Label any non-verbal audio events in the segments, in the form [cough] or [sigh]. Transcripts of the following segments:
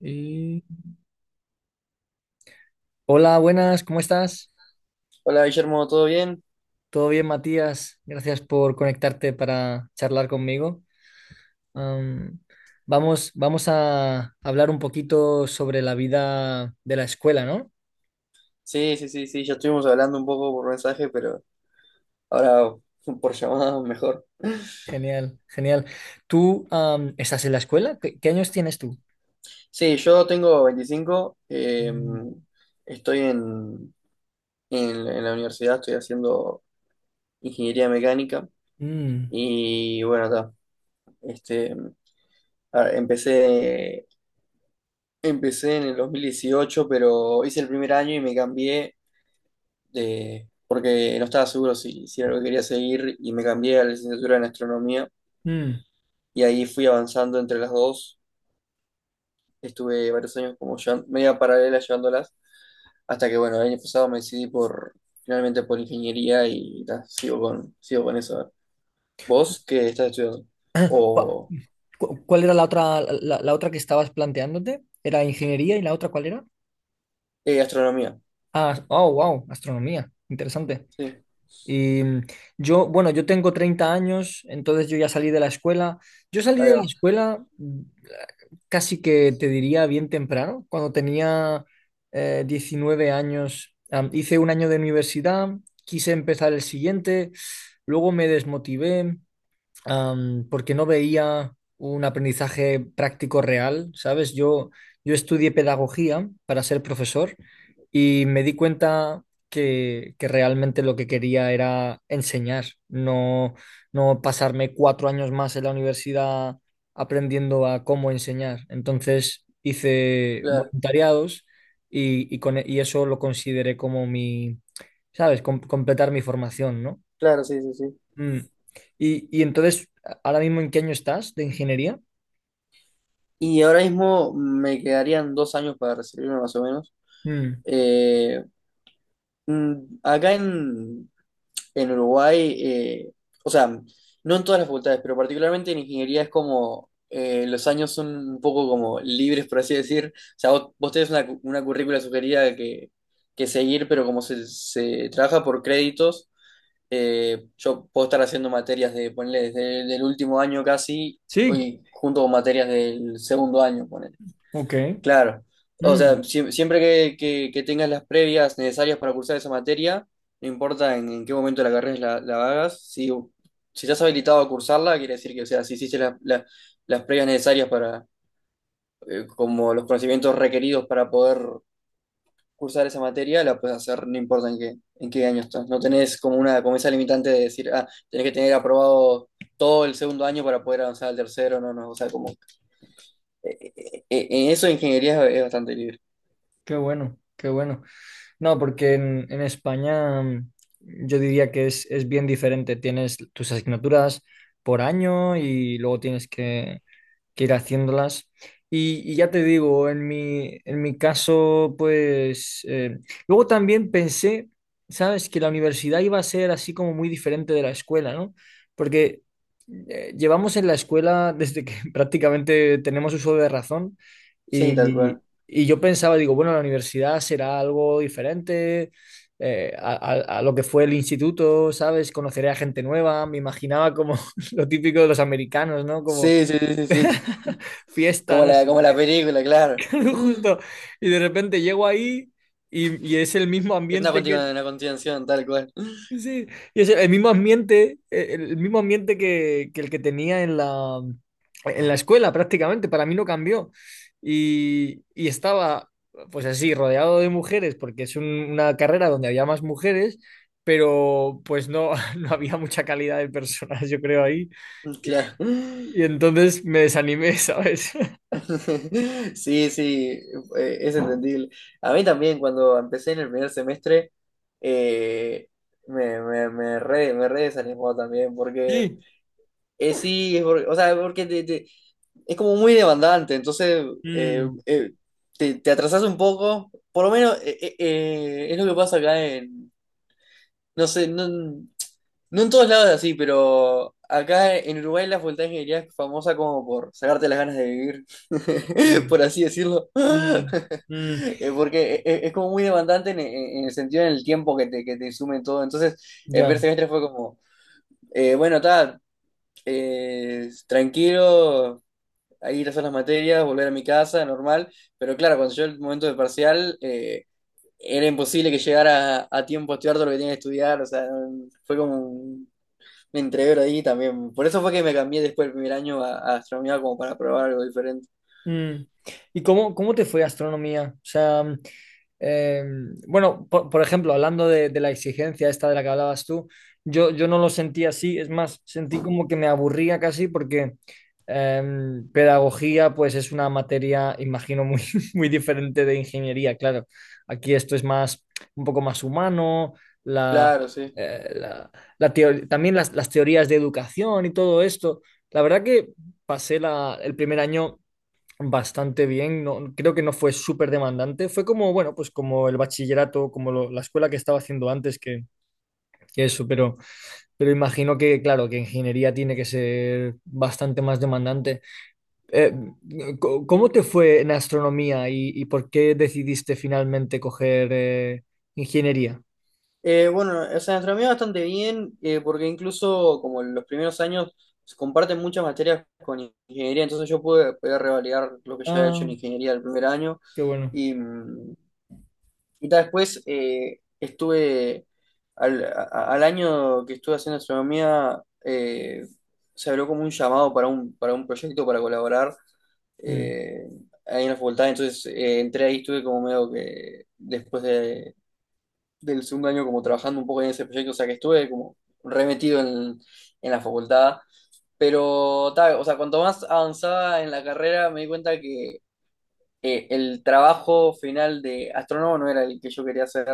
Y- Hola, buenas, ¿cómo estás? Hola Guillermo, ¿todo bien? ¿Todo bien, Matías? Gracias por conectarte para charlar conmigo. Am, vamos a hablar un poquito sobre la vida de la escuela, ¿no? Sí, sí, sí, sí, ya estuvimos hablando un poco por mensaje, pero ahora [laughs] por llamada mejor. Genial, genial. ¿Tú estás en la escuela? ¿Qué años tienes tú? Sí, yo tengo 25, Mm, estoy en la universidad, estoy haciendo ingeniería mecánica mm, y bueno, ta, este, a- empecé, empecé en el 2018, pero hice el primer año y me cambié de, porque no estaba seguro si era lo que quería seguir y me cambié a la licenciatura en astronomía mm. y ahí fui avanzando entre las dos. Estuve varios años media paralela llevándolas, hasta que bueno, el año pasado me decidí por finalmente por ingeniería y ta, sigo con eso. ¿Vos qué estás estudiando? [clears throat] Ah, ¿Cu- O cu- ¿Cuál era la otra, la otra que estabas planteándote? ¿Era ingeniería y la otra cuál era? Astronomía. Ah, oh, wow, astronomía. Interesante. Sí, Y bueno, yo tengo 30 años, entonces yo ya salí de la escuela. Yo salí ahí de la va. escuela casi que te diría bien temprano, cuando tenía 19 años. Hice un año de universidad, quise empezar el siguiente, luego me desmotivé, porque no veía un aprendizaje práctico real, ¿sabes? Yo estudié pedagogía para ser profesor y me di cuenta que realmente lo que quería era enseñar, no, no pasarme cuatro años más en la universidad aprendiendo a cómo enseñar. Entonces hice Claro, voluntariados y eso lo consideré como mi, ¿sabes? Completar mi formación, ¿no? claro, sí, sí, sí. Mm. Y entonces, ¿ahora mismo en qué año estás de ingeniería? Y ahora mismo me quedarían dos años para recibirme más o menos. Mm. Eh, acá en Uruguay, o sea, no en todas las facultades, pero particularmente en ingeniería es como los años son un poco como libres, por así decir. O sea, vos tenés una, una currícula sugerida que seguir, pero como se trabaja por créditos, yo puedo estar haciendo materias de, ponle, desde el último año casi, Sí, hoy junto con materias del segundo año, ponele. ok. Claro, o sea, Mm. siempre que, que tengas las previas necesarias para cursar esa materia, no importa en qué momento de la carrera la hagas, si estás habilitado a cursarla, quiere decir que, o sea, si hiciste las previas necesarias para, como los conocimientos requeridos para poder cursar esa materia, la puedes hacer, no importa en qué año estás. No tenés como una, como esa limitante de decir, ah, tenés que tener aprobado todo el segundo año para poder avanzar al tercero, no, no, o sea, como, en eso ingeniería es bastante libre. Qué bueno, qué bueno. No, porque en España yo diría que es bien diferente. Tienes tus asignaturas por año y luego tienes que ir haciéndolas. Y ya te digo, en mi caso, pues... luego también pensé, ¿sabes? Que la universidad iba a ser así como muy diferente de la escuela, ¿no? Porque llevamos en la escuela desde que [laughs] prácticamente tenemos uso de razón Sí, tal y, cual. y yo pensaba, digo, bueno, la universidad será algo diferente a lo que fue el instituto, ¿sabes? Conoceré a gente nueva, me imaginaba como [laughs] lo típico de los americanos, ¿no? Como Sí, sí, sí, sí, sí. [laughs] fiesta, no sé Como la qué. película, claro. [laughs] Justo. Y de repente llego ahí y es el mismo Es ambiente que. Una continuación, tal cual. Sí, y es el mismo ambiente, el mismo ambiente que el que tenía en la escuela prácticamente, para mí no cambió. Y estaba, pues así, rodeado de mujeres, porque es una carrera donde había más mujeres, pero pues no, [laughs] no había mucha calidad de personas, yo creo, ahí. Mm, claro. Y entonces me desanimé, ¿sabes? [laughs] [laughs] Sí, sí, es entendible. A mí también, cuando empecé en el primer semestre, eh, me re desanimó también, porque Sí. Sí, o sea, porque es como muy demandante, entonces eh, Mm. eh, te, te atrasás un poco, por lo menos es lo que pasa acá en, no sé, no. No en todos lados es así, pero acá en Uruguay la facultad de ingeniería es famosa como por sacarte las ganas de vivir, [laughs] Mm, por así decirlo. [laughs] mm, mm, Porque es como muy demandante en, en el sentido en el tiempo que te insume todo. Entonces, el primer ya. semestre fue como, bueno, tal, tranquilo, ahí ir a hacer las materias, volver a mi casa, normal. Pero claro, cuando llegó el momento del parcial, era imposible que llegara a tiempo a estudiar todo lo que tenía que estudiar. O sea, fue como me entregué ahí también. Por eso fue que me cambié después del primer año a astronomía como para probar algo diferente. Mm. ¿Y cómo, cómo te fue astronomía? O sea, eh, bueno, por ejemplo, hablando de la exigencia esta de la que hablabas tú, yo no lo sentí así, es más, sentí como que me aburría casi porque eh, pedagogía pues es una materia, imagino, muy, [laughs] muy diferente de ingeniería, claro. Aquí esto es más, un poco más humano, la, Claro, sí. eh, la- la teo- también las teorías de educación y todo esto. La verdad que pasé el primer año bastante bien. No, creo que no fue súper demandante. Fue como, bueno, pues como el bachillerato, como la escuela que estaba haciendo antes, que eso, pero imagino que, claro, que ingeniería tiene que ser bastante más demandante. Eh, ¿Cómo te fue en astronomía y por qué decidiste finalmente coger ingeniería? Bueno, o sea, astronomía bastante bien, porque incluso como en los primeros años se comparten muchas materias con ingeniería, entonces yo pude revalidar lo que ya había hecho en Ah, ingeniería el primer año. qué bueno. Y, mm, y ta, después al año que estuve haciendo astronomía, se habló como un llamado para un proyecto para colaborar. Mm, eh, ahí en la facultad, entonces entré ahí, estuve como medio que después de, del segundo año como trabajando un poco en ese proyecto, o sea que estuve como remetido en la facultad, pero ta, o sea, cuanto más avanzaba en la carrera me di cuenta que el trabajo final de astrónomo no era el que yo quería hacer,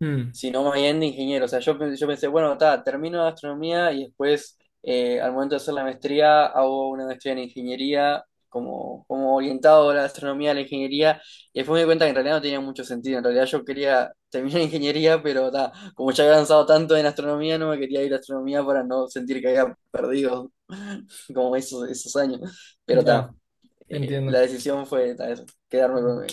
mm, sino más bien de ingeniero. O sea, yo pensé, bueno, ta, termino astronomía y después, al momento de hacer la maestría, hago una maestría en ingeniería, como orientado a la astronomía, a la ingeniería, y después me di cuenta que en realidad no tenía mucho sentido. En realidad yo quería terminar [laughs] ingeniería, pero ta, como ya había avanzado tanto en astronomía, no me quería ir a astronomía para no sentir que había perdido [laughs] como esos, esos años. Pero ya, ta, la entiendo. decisión fue ta, eso, quedarme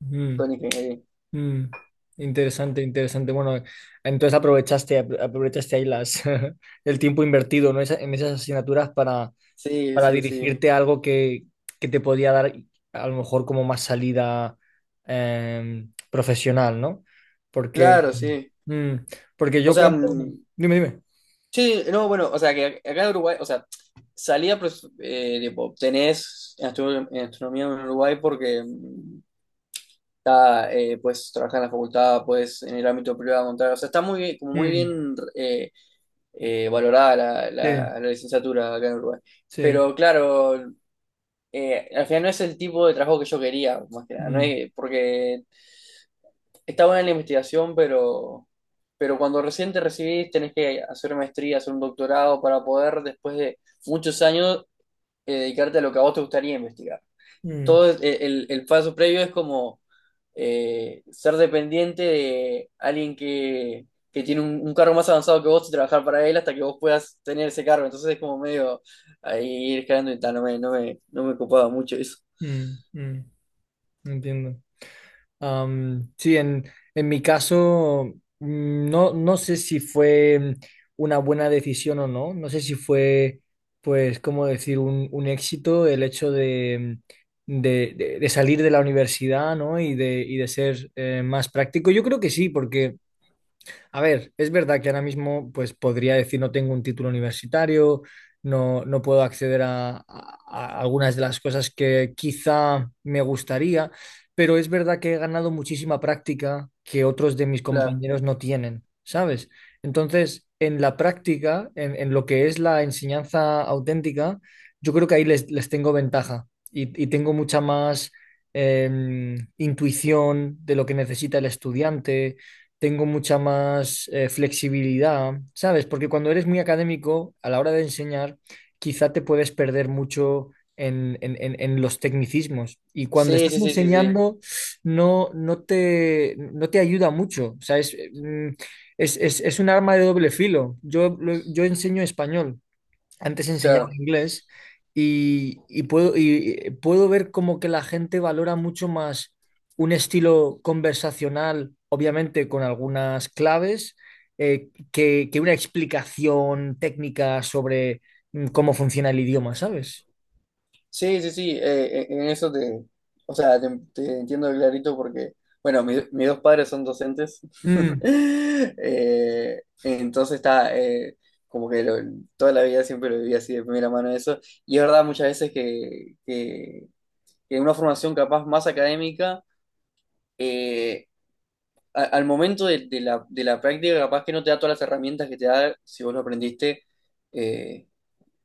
Mm, con ingeniería. mm, interesante, interesante. Bueno, entonces aprovechaste ahí las, [laughs] el tiempo invertido, ¿no? En esas asignaturas Sí, para sí, sí. dirigirte a algo que te podía dar a lo mejor como más salida profesional, ¿no? Porque, Claro, sí. mm, porque O yo sea, cuento... mm, Dime, dime. sí, no, bueno, o sea, que acá en Uruguay, o sea, salía, pues, tipo, tenés en en astronomía en Uruguay porque, mm, ah, pues, trabajar en la facultad, pues, en el ámbito privado, montar, o sea, está muy, como muy Mm, bien valorada la, sí, la- la licenciatura acá en Uruguay. sí. Pero, claro, al final no es el tipo de trabajo que yo quería, más que nada, no Mm, es porque está buena la investigación, pero cuando recién te recibís tenés que hacer maestría, hacer un doctorado para poder después de muchos años dedicarte a lo que a vos te gustaría investigar. mm, Todo el paso previo es como ser dependiente de alguien que tiene un cargo más avanzado que vos y trabajar para él hasta que vos puedas tener ese cargo. Entonces es como medio ahí ir escalando y tal, no me copaba mucho eso. mm, mm, entiendo. Sí, en mi caso, no, no sé si fue una buena decisión o no, no sé si fue, pues, cómo decir, un éxito el hecho de salir de la universidad, ¿no? Y de ser más práctico. Yo creo que sí, porque a ver, es verdad que ahora mismo pues podría decir no tengo un título universitario, no, no puedo acceder a algunas de las cosas que quizá me gustaría, pero es verdad que he ganado muchísima práctica que otros de mis Claro. compañeros no tienen, ¿sabes? Entonces, en la práctica, en lo que es la enseñanza auténtica, yo creo que ahí les tengo ventaja y tengo mucha más intuición de lo que necesita el estudiante tengo mucha más flexibilidad, ¿sabes? Porque cuando eres muy académico, a la hora de enseñar, quizá te puedes perder mucho en los tecnicismos. Y cuando Sí, estás sí, sí, sí, sí. enseñando, no, no te ayuda mucho. O sea, es, es un arma de doble filo. Yo enseño español. Antes enseñaba Claro. inglés y, y puedo ver como que la gente valora mucho más un estilo conversacional, obviamente con algunas claves, que una explicación técnica sobre cómo funciona el idioma, ¿sabes? Sí, sí, sí, en eso te, o sea, te, te entiendo clarito porque, bueno, mis dos padres son docentes, Mm, [laughs] entonces está, como que lo- toda la vida siempre lo viví así de primera mano eso, y es verdad muchas veces que una formación capaz más académica, eh, al momento de la práctica capaz que no te da todas las herramientas que te da si vos lo aprendiste, eh,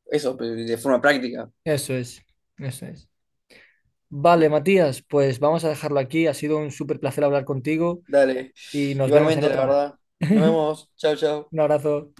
eso, de forma práctica. eso es, eso es. Vale, Matías, pues vamos a dejarlo aquí. Ha sido un súper placer hablar contigo Dale. y nos vemos en Igualmente, la otra. verdad. Nos [laughs] vemos. Chao, chao. Un abrazo.